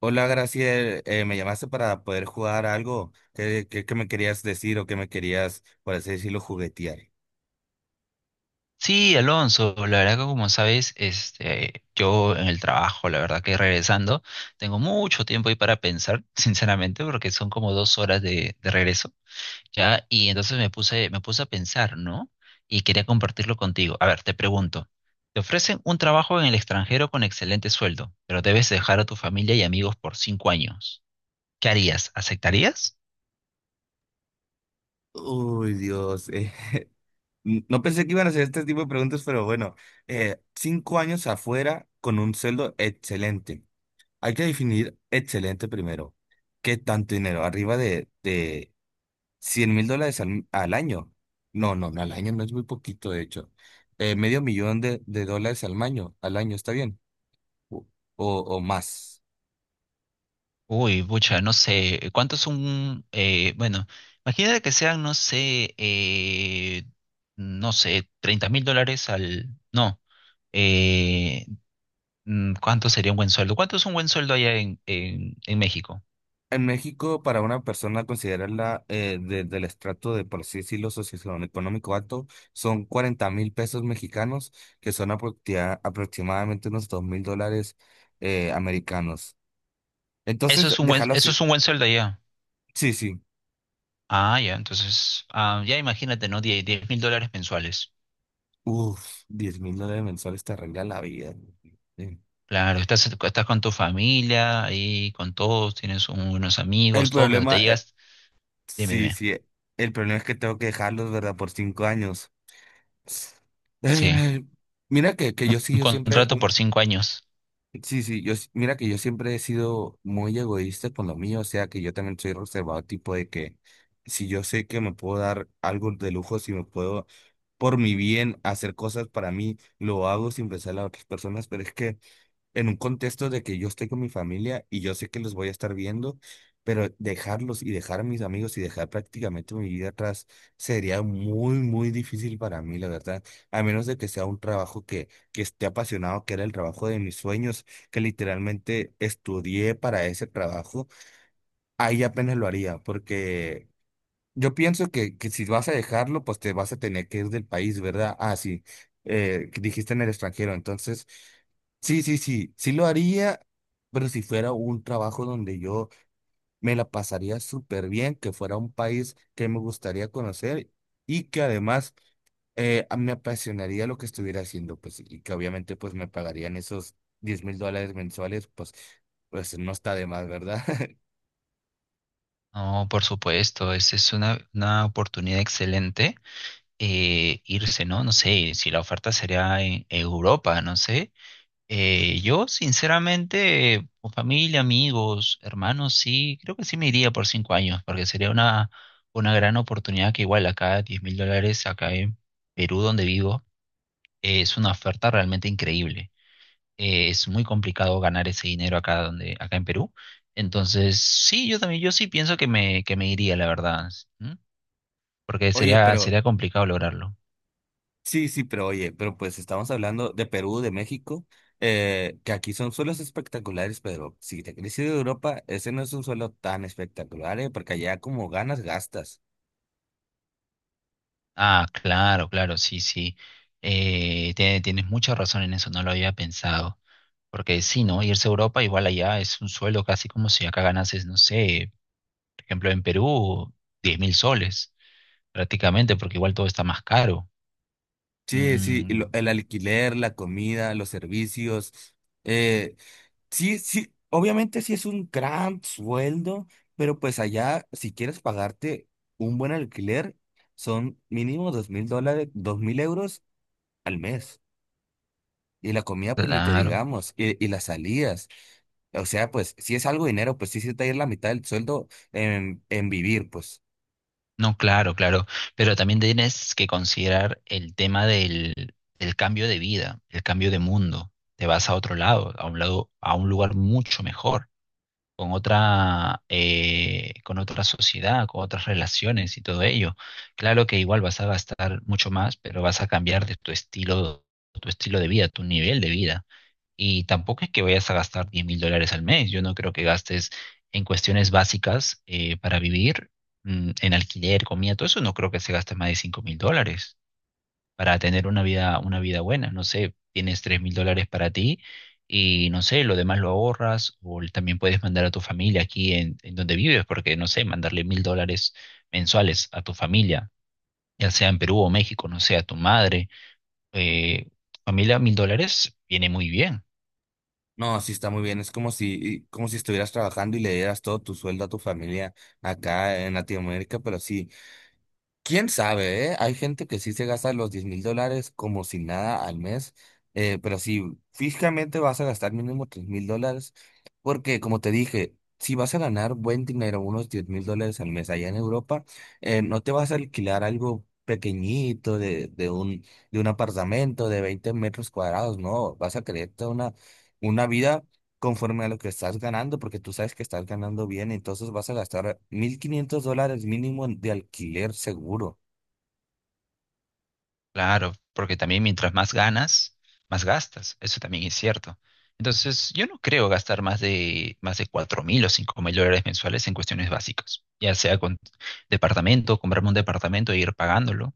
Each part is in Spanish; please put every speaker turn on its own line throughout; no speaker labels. Hola, Graciel, me llamaste para poder jugar algo. ¿Qué me querías decir o qué me querías, por así decirlo, juguetear?
Sí, Alonso, la verdad que como sabes, este, yo en el trabajo, la verdad que regresando, tengo mucho tiempo ahí para pensar, sinceramente, porque son como 2 horas de regreso, ¿ya? Y entonces me puse a pensar, ¿no? Y quería compartirlo contigo. A ver, te pregunto, te ofrecen un trabajo en el extranjero con excelente sueldo, pero debes dejar a tu familia y amigos por 5 años. ¿Qué harías? ¿Aceptarías?
Uy, Dios. No pensé que iban a hacer este tipo de preguntas, pero bueno, 5 años afuera con un sueldo excelente. Hay que definir excelente primero. ¿Qué tanto dinero? Arriba de 100.000 dólares al año. No, no, no, al año no es muy poquito, de hecho. Medio millón de dólares al año, ¿está bien? O, más.
Uy, pucha, no sé, ¿cuántos son? Bueno, imagínate que sean, no sé, no sé, 30.000 dólares No, eh, ¿cuánto sería un buen sueldo? ¿Cuánto es un buen sueldo allá en, en México?
En México, para una persona considerarla, del estrato de, por así decirlo, socioeconómico alto, son 40.000 pesos mexicanos, que son aproximadamente unos 2000 dólares americanos.
Eso
Entonces,
es un buen,
déjalo
eso es
así.
un buen sueldo allá.
Sí, sí.
Ah, ya, entonces, ya imagínate, ¿no? 10.000 dólares mensuales.
Uf, diez mil dólares mensuales te arregla la vida. Sí.
Claro, estás con tu familia, ahí con todos, tienes unos
El
amigos, todo, pero
problema,
te llegas, dime,
sí,
dime,
sí. El problema es que tengo que dejarlos, ¿verdad? Por 5 años.
sí,
Mira que yo sí,
un
yo siempre.
contrato por 5 años.
Sí, sí, mira que yo siempre he sido muy egoísta con lo mío, o sea que yo también soy reservado, tipo de que si yo sé que me puedo dar algo de lujo, si me puedo por mi bien hacer cosas para mí, lo hago sin pensar en las otras personas, pero es que en un contexto de que yo estoy con mi familia y yo sé que los voy a estar viendo, pero dejarlos y dejar a mis amigos y dejar prácticamente mi vida atrás sería muy, muy difícil para mí, la verdad. A menos de que sea un trabajo que esté apasionado, que era el trabajo de mis sueños, que literalmente estudié para ese trabajo, ahí apenas lo haría, porque. Yo pienso que si vas a dejarlo, pues te vas a tener que ir del país, ¿verdad? Ah, sí, que dijiste en el extranjero. Entonces, sí, sí, sí, sí lo haría, pero si fuera un trabajo donde yo me la pasaría súper bien, que fuera un país que me gustaría conocer y que además, me apasionaría lo que estuviera haciendo, pues, y que obviamente pues me pagarían esos 10.000 dólares mensuales, pues, pues no está de más, ¿verdad?
No, por supuesto, esa es una oportunidad excelente, irse, ¿no? No sé si la oferta sería en Europa, no sé. Yo, sinceramente, con familia, amigos, hermanos, sí, creo que sí me iría por 5 años, porque sería una gran oportunidad, que igual acá, 10.000 dólares, acá en Perú, donde vivo, es una oferta realmente increíble, es muy complicado ganar ese dinero acá donde, acá en Perú. Entonces, sí, yo también, yo sí pienso que me iría, la verdad, ¿m? Porque
Oye,
sería,
pero.
sería complicado lograrlo.
Sí, sí, pero oye, pero pues estamos hablando de Perú, de México, que aquí son suelos espectaculares, pero si te quieres ir de Europa, ese no es un suelo tan espectacular, porque allá como ganas, gastas.
Ah, claro, claro, sí, sí. Tienes mucha razón en eso, no lo había pensado. Porque sí, ¿no? Irse a Europa igual allá es un sueldo casi como si acá ganases, no sé, por ejemplo, en Perú, 10.000 soles, prácticamente, porque igual todo está más caro.
Sí, sí, y
Mm,
el alquiler, la comida, los servicios. Eh, sí, sí, obviamente sí es un gran sueldo, pero pues allá, si quieres pagarte un buen alquiler, son mínimo 2000 dólares, 2000 euros al mes. Y la comida, pues ni te
claro.
digamos, y las salidas. O sea, pues si es algo de dinero, pues sí se te va a ir la mitad del sueldo en vivir, pues.
No, claro, claro, pero también tienes que considerar el tema del cambio de vida, el cambio de mundo. Te vas a otro lado, a un lugar mucho mejor, con otra sociedad, con otras relaciones y todo ello. Claro que igual vas a gastar mucho más, pero vas a cambiar de tu estilo de vida, tu nivel de vida. Y tampoco es que vayas a gastar 10.000 dólares al mes. Yo no creo que gastes en cuestiones básicas, para vivir, en alquiler, comida, todo eso. No creo que se gaste más de 5.000 dólares para tener una vida buena. No sé, tienes 3.000 dólares para ti y no sé, lo demás lo ahorras, o también puedes mandar a tu familia aquí en donde vives, porque no sé, mandarle 1.000 dólares mensuales a tu familia, ya sea en Perú o México, no sé, a tu madre, eh, familia, 1.000 dólares viene muy bien.
No, sí está muy bien. Es como si estuvieras trabajando y le dieras todo tu sueldo a tu familia acá en Latinoamérica, pero sí. Quién sabe, ¿eh? Hay gente que sí se gasta los 10.000 dólares como si nada al mes, pero si físicamente vas a gastar mínimo 3000 dólares, porque como te dije, si vas a ganar buen dinero, unos 10.000 dólares al mes allá en Europa, no te vas a alquilar algo pequeñito de un apartamento de 20 metros cuadrados, no, vas a creerte una vida conforme a lo que estás ganando, porque tú sabes que estás ganando bien, entonces vas a gastar 1500 dólares mínimo de alquiler seguro.
Claro, porque también mientras más ganas, más gastas. Eso también es cierto. Entonces, yo no creo gastar más de 4.000 o 5.000 dólares mensuales en cuestiones básicas, ya sea con departamento, comprarme un departamento e ir pagándolo.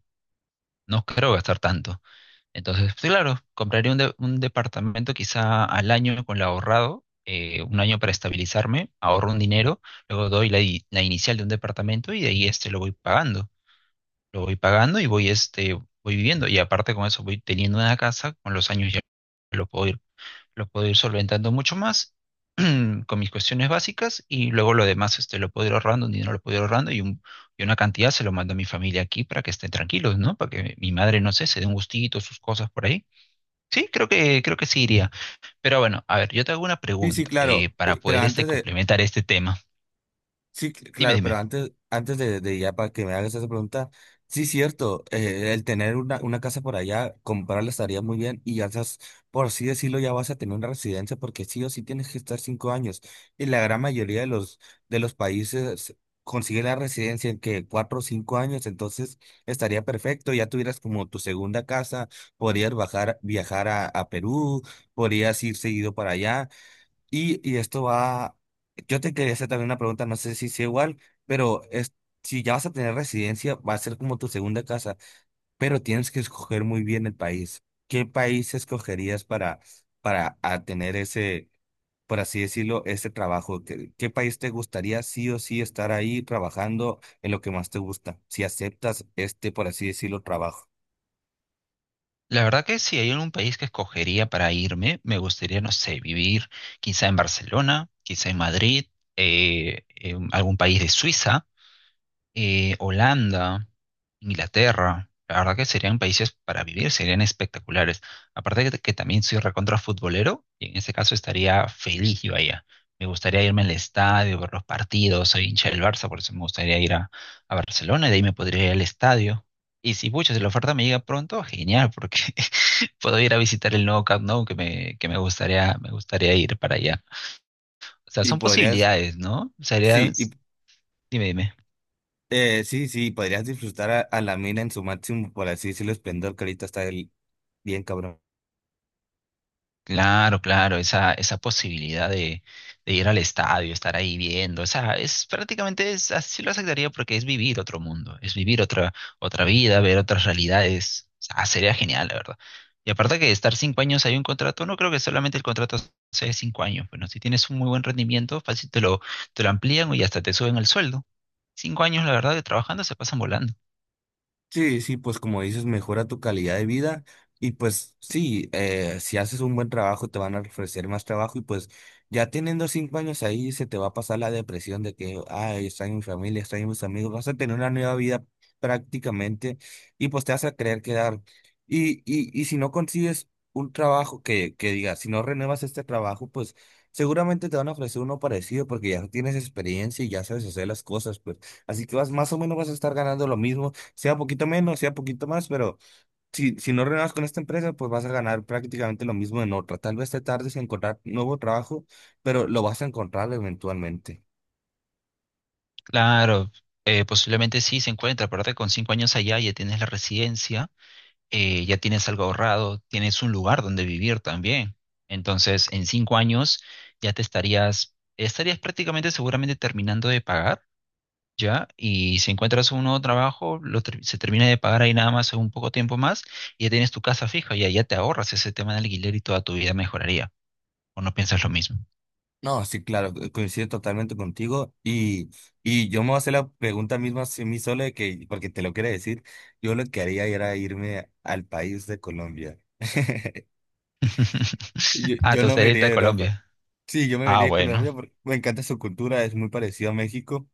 No creo gastar tanto. Entonces, sí, claro, compraré un departamento quizá al año con lo ahorrado, un año para estabilizarme, ahorro un dinero, luego doy la inicial de un departamento, y de ahí lo voy pagando y voy, voy viviendo. Y aparte con eso voy teniendo una casa, con los años ya lo puedo ir, lo puedo ir solventando mucho más con mis cuestiones básicas, y luego lo demás, lo puedo ir ahorrando, un dinero lo puedo ir ahorrando, y una cantidad se lo mando a mi familia aquí para que estén tranquilos, ¿no? Para que mi madre, no sé, se dé un gustito, sus cosas por ahí. Sí, creo que sí iría. Pero bueno, a ver, yo te hago una
Sí, sí,
pregunta,
claro.
para poder complementar este tema.
Sí,
Dime,
claro,
dime.
pero antes de ya para que me hagas esa pregunta, sí, cierto, el tener una casa por allá, comprarla estaría muy bien y ya estás, por así decirlo, ya vas a tener una residencia porque sí o sí tienes que estar 5 años y la gran mayoría de los países consigue la residencia en que 4 o 5 años, entonces estaría perfecto, ya tuvieras como tu segunda casa, podrías bajar, viajar a Perú, podrías ir seguido para allá. Y esto va, yo te quería hacer también una pregunta, no sé si sea igual, pero es, si ya vas a tener residencia, va a ser como tu segunda casa, pero tienes que escoger muy bien el país. ¿Qué país escogerías para a tener ese, por así decirlo, ese trabajo? ¿Qué país te gustaría sí o sí estar ahí trabajando en lo que más te gusta, si aceptas este, por así decirlo, trabajo?
La verdad que si hay algún país que escogería para irme, me gustaría, no sé, vivir quizá en Barcelona, quizá en Madrid, en algún país de Suiza, Holanda, Inglaterra. La verdad que serían países para vivir, serían espectaculares. Aparte de que también soy recontra futbolero, y en ese caso estaría feliz yo allá. Me gustaría irme al estadio, ver los partidos, soy hincha del Barça, por eso me gustaría ir a Barcelona, y de ahí me podría ir al estadio. Y si, pucha, si la oferta me llega pronto, genial, porque puedo ir a visitar el nuevo Camp Nou, que me, que me gustaría ir para allá. O sea,
Y
son
podrías,
posibilidades, ¿no? Sería,
sí, y
dime, dime.
sí, sí, podrías disfrutar a la mina en su máximo, por así decirlo, esplendor que ahorita está Bien, cabrón.
Claro, claro, esa posibilidad de ir al estadio, estar ahí viendo, o sea, es prácticamente, así lo aceptaría, porque es vivir otro mundo, es vivir otra vida, ver otras realidades, o sea, sería genial, la verdad. Y aparte que estar 5 años hay un contrato, no creo que solamente el contrato sea de 5 años, bueno, si tienes un muy buen rendimiento, fácil te lo amplían y hasta te suben el sueldo. 5 años, la verdad, que trabajando se pasan volando.
Sí, sí, pues como dices, mejora tu calidad de vida y pues sí, si haces un buen trabajo te van a ofrecer más trabajo y pues ya teniendo 5 años ahí se te va a pasar la depresión de que, ay, extraño mi familia, extraño mis amigos, vas a tener una nueva vida prácticamente y pues te vas a querer quedar. Y si no consigues un trabajo que diga, si no renuevas este trabajo, pues seguramente te van a ofrecer uno parecido porque ya tienes experiencia y ya sabes hacer las cosas, pues así que vas más o menos vas a estar ganando lo mismo, sea poquito menos, sea poquito más, pero si no renuevas con esta empresa, pues vas a ganar prácticamente lo mismo en otra. Tal vez te tardes en encontrar nuevo trabajo, pero lo vas a encontrar eventualmente.
Claro, posiblemente sí se encuentra, aparte con 5 años allá ya tienes la residencia, ya tienes algo ahorrado, tienes un lugar donde vivir también. Entonces, en 5 años ya te estarías prácticamente seguramente terminando de pagar, ¿ya? Y si encuentras un nuevo trabajo, se termina de pagar ahí nada más en un poco tiempo más, y ya tienes tu casa fija, ya te ahorras ese tema de alquiler y toda tu vida mejoraría. ¿O no piensas lo mismo?
No, sí, claro, coincido totalmente contigo, y yo me voy a hacer la pregunta misma a mí solo de que, porque te lo quiero decir, yo lo que haría era irme al país de Colombia. Yo,
Ah,
yo
te
no me
gustaría
iría
irte a
a Europa.
Colombia.
Sí, yo me
Ah,
iría a
bueno.
Colombia porque me encanta su cultura, es muy parecido a México.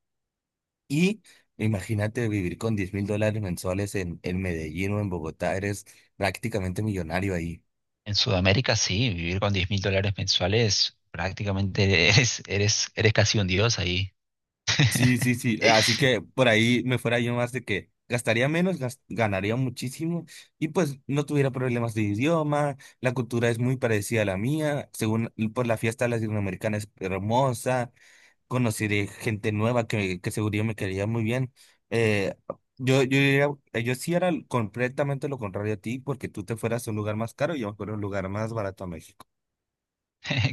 Y imagínate vivir con 10.000 dólares mensuales en Medellín o en Bogotá, eres prácticamente millonario ahí.
En Sudamérica sí, vivir con 10.000 dólares mensuales prácticamente eres casi un dios ahí.
Sí, sí, sí. Así que por ahí me fuera yo más de que gastaría menos, ganaría muchísimo y pues no tuviera problemas de idioma. La cultura es muy parecida a la mía. Según por la fiesta latinoamericana es hermosa. Conocí de gente nueva que seguro me quería muy bien. Eh, yo sí era completamente lo contrario a ti, porque tú te fueras a un lugar más caro y yo me fuera a un lugar más barato a México.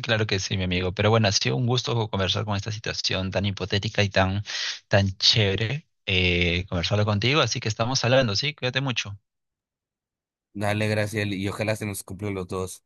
Claro que sí, mi amigo. Pero bueno, ha sido un gusto conversar con esta situación tan hipotética y tan chévere, conversarlo contigo. Así que estamos hablando, ¿sí? Cuídate mucho.
Dale, gracias, y ojalá se nos cumplan los dos.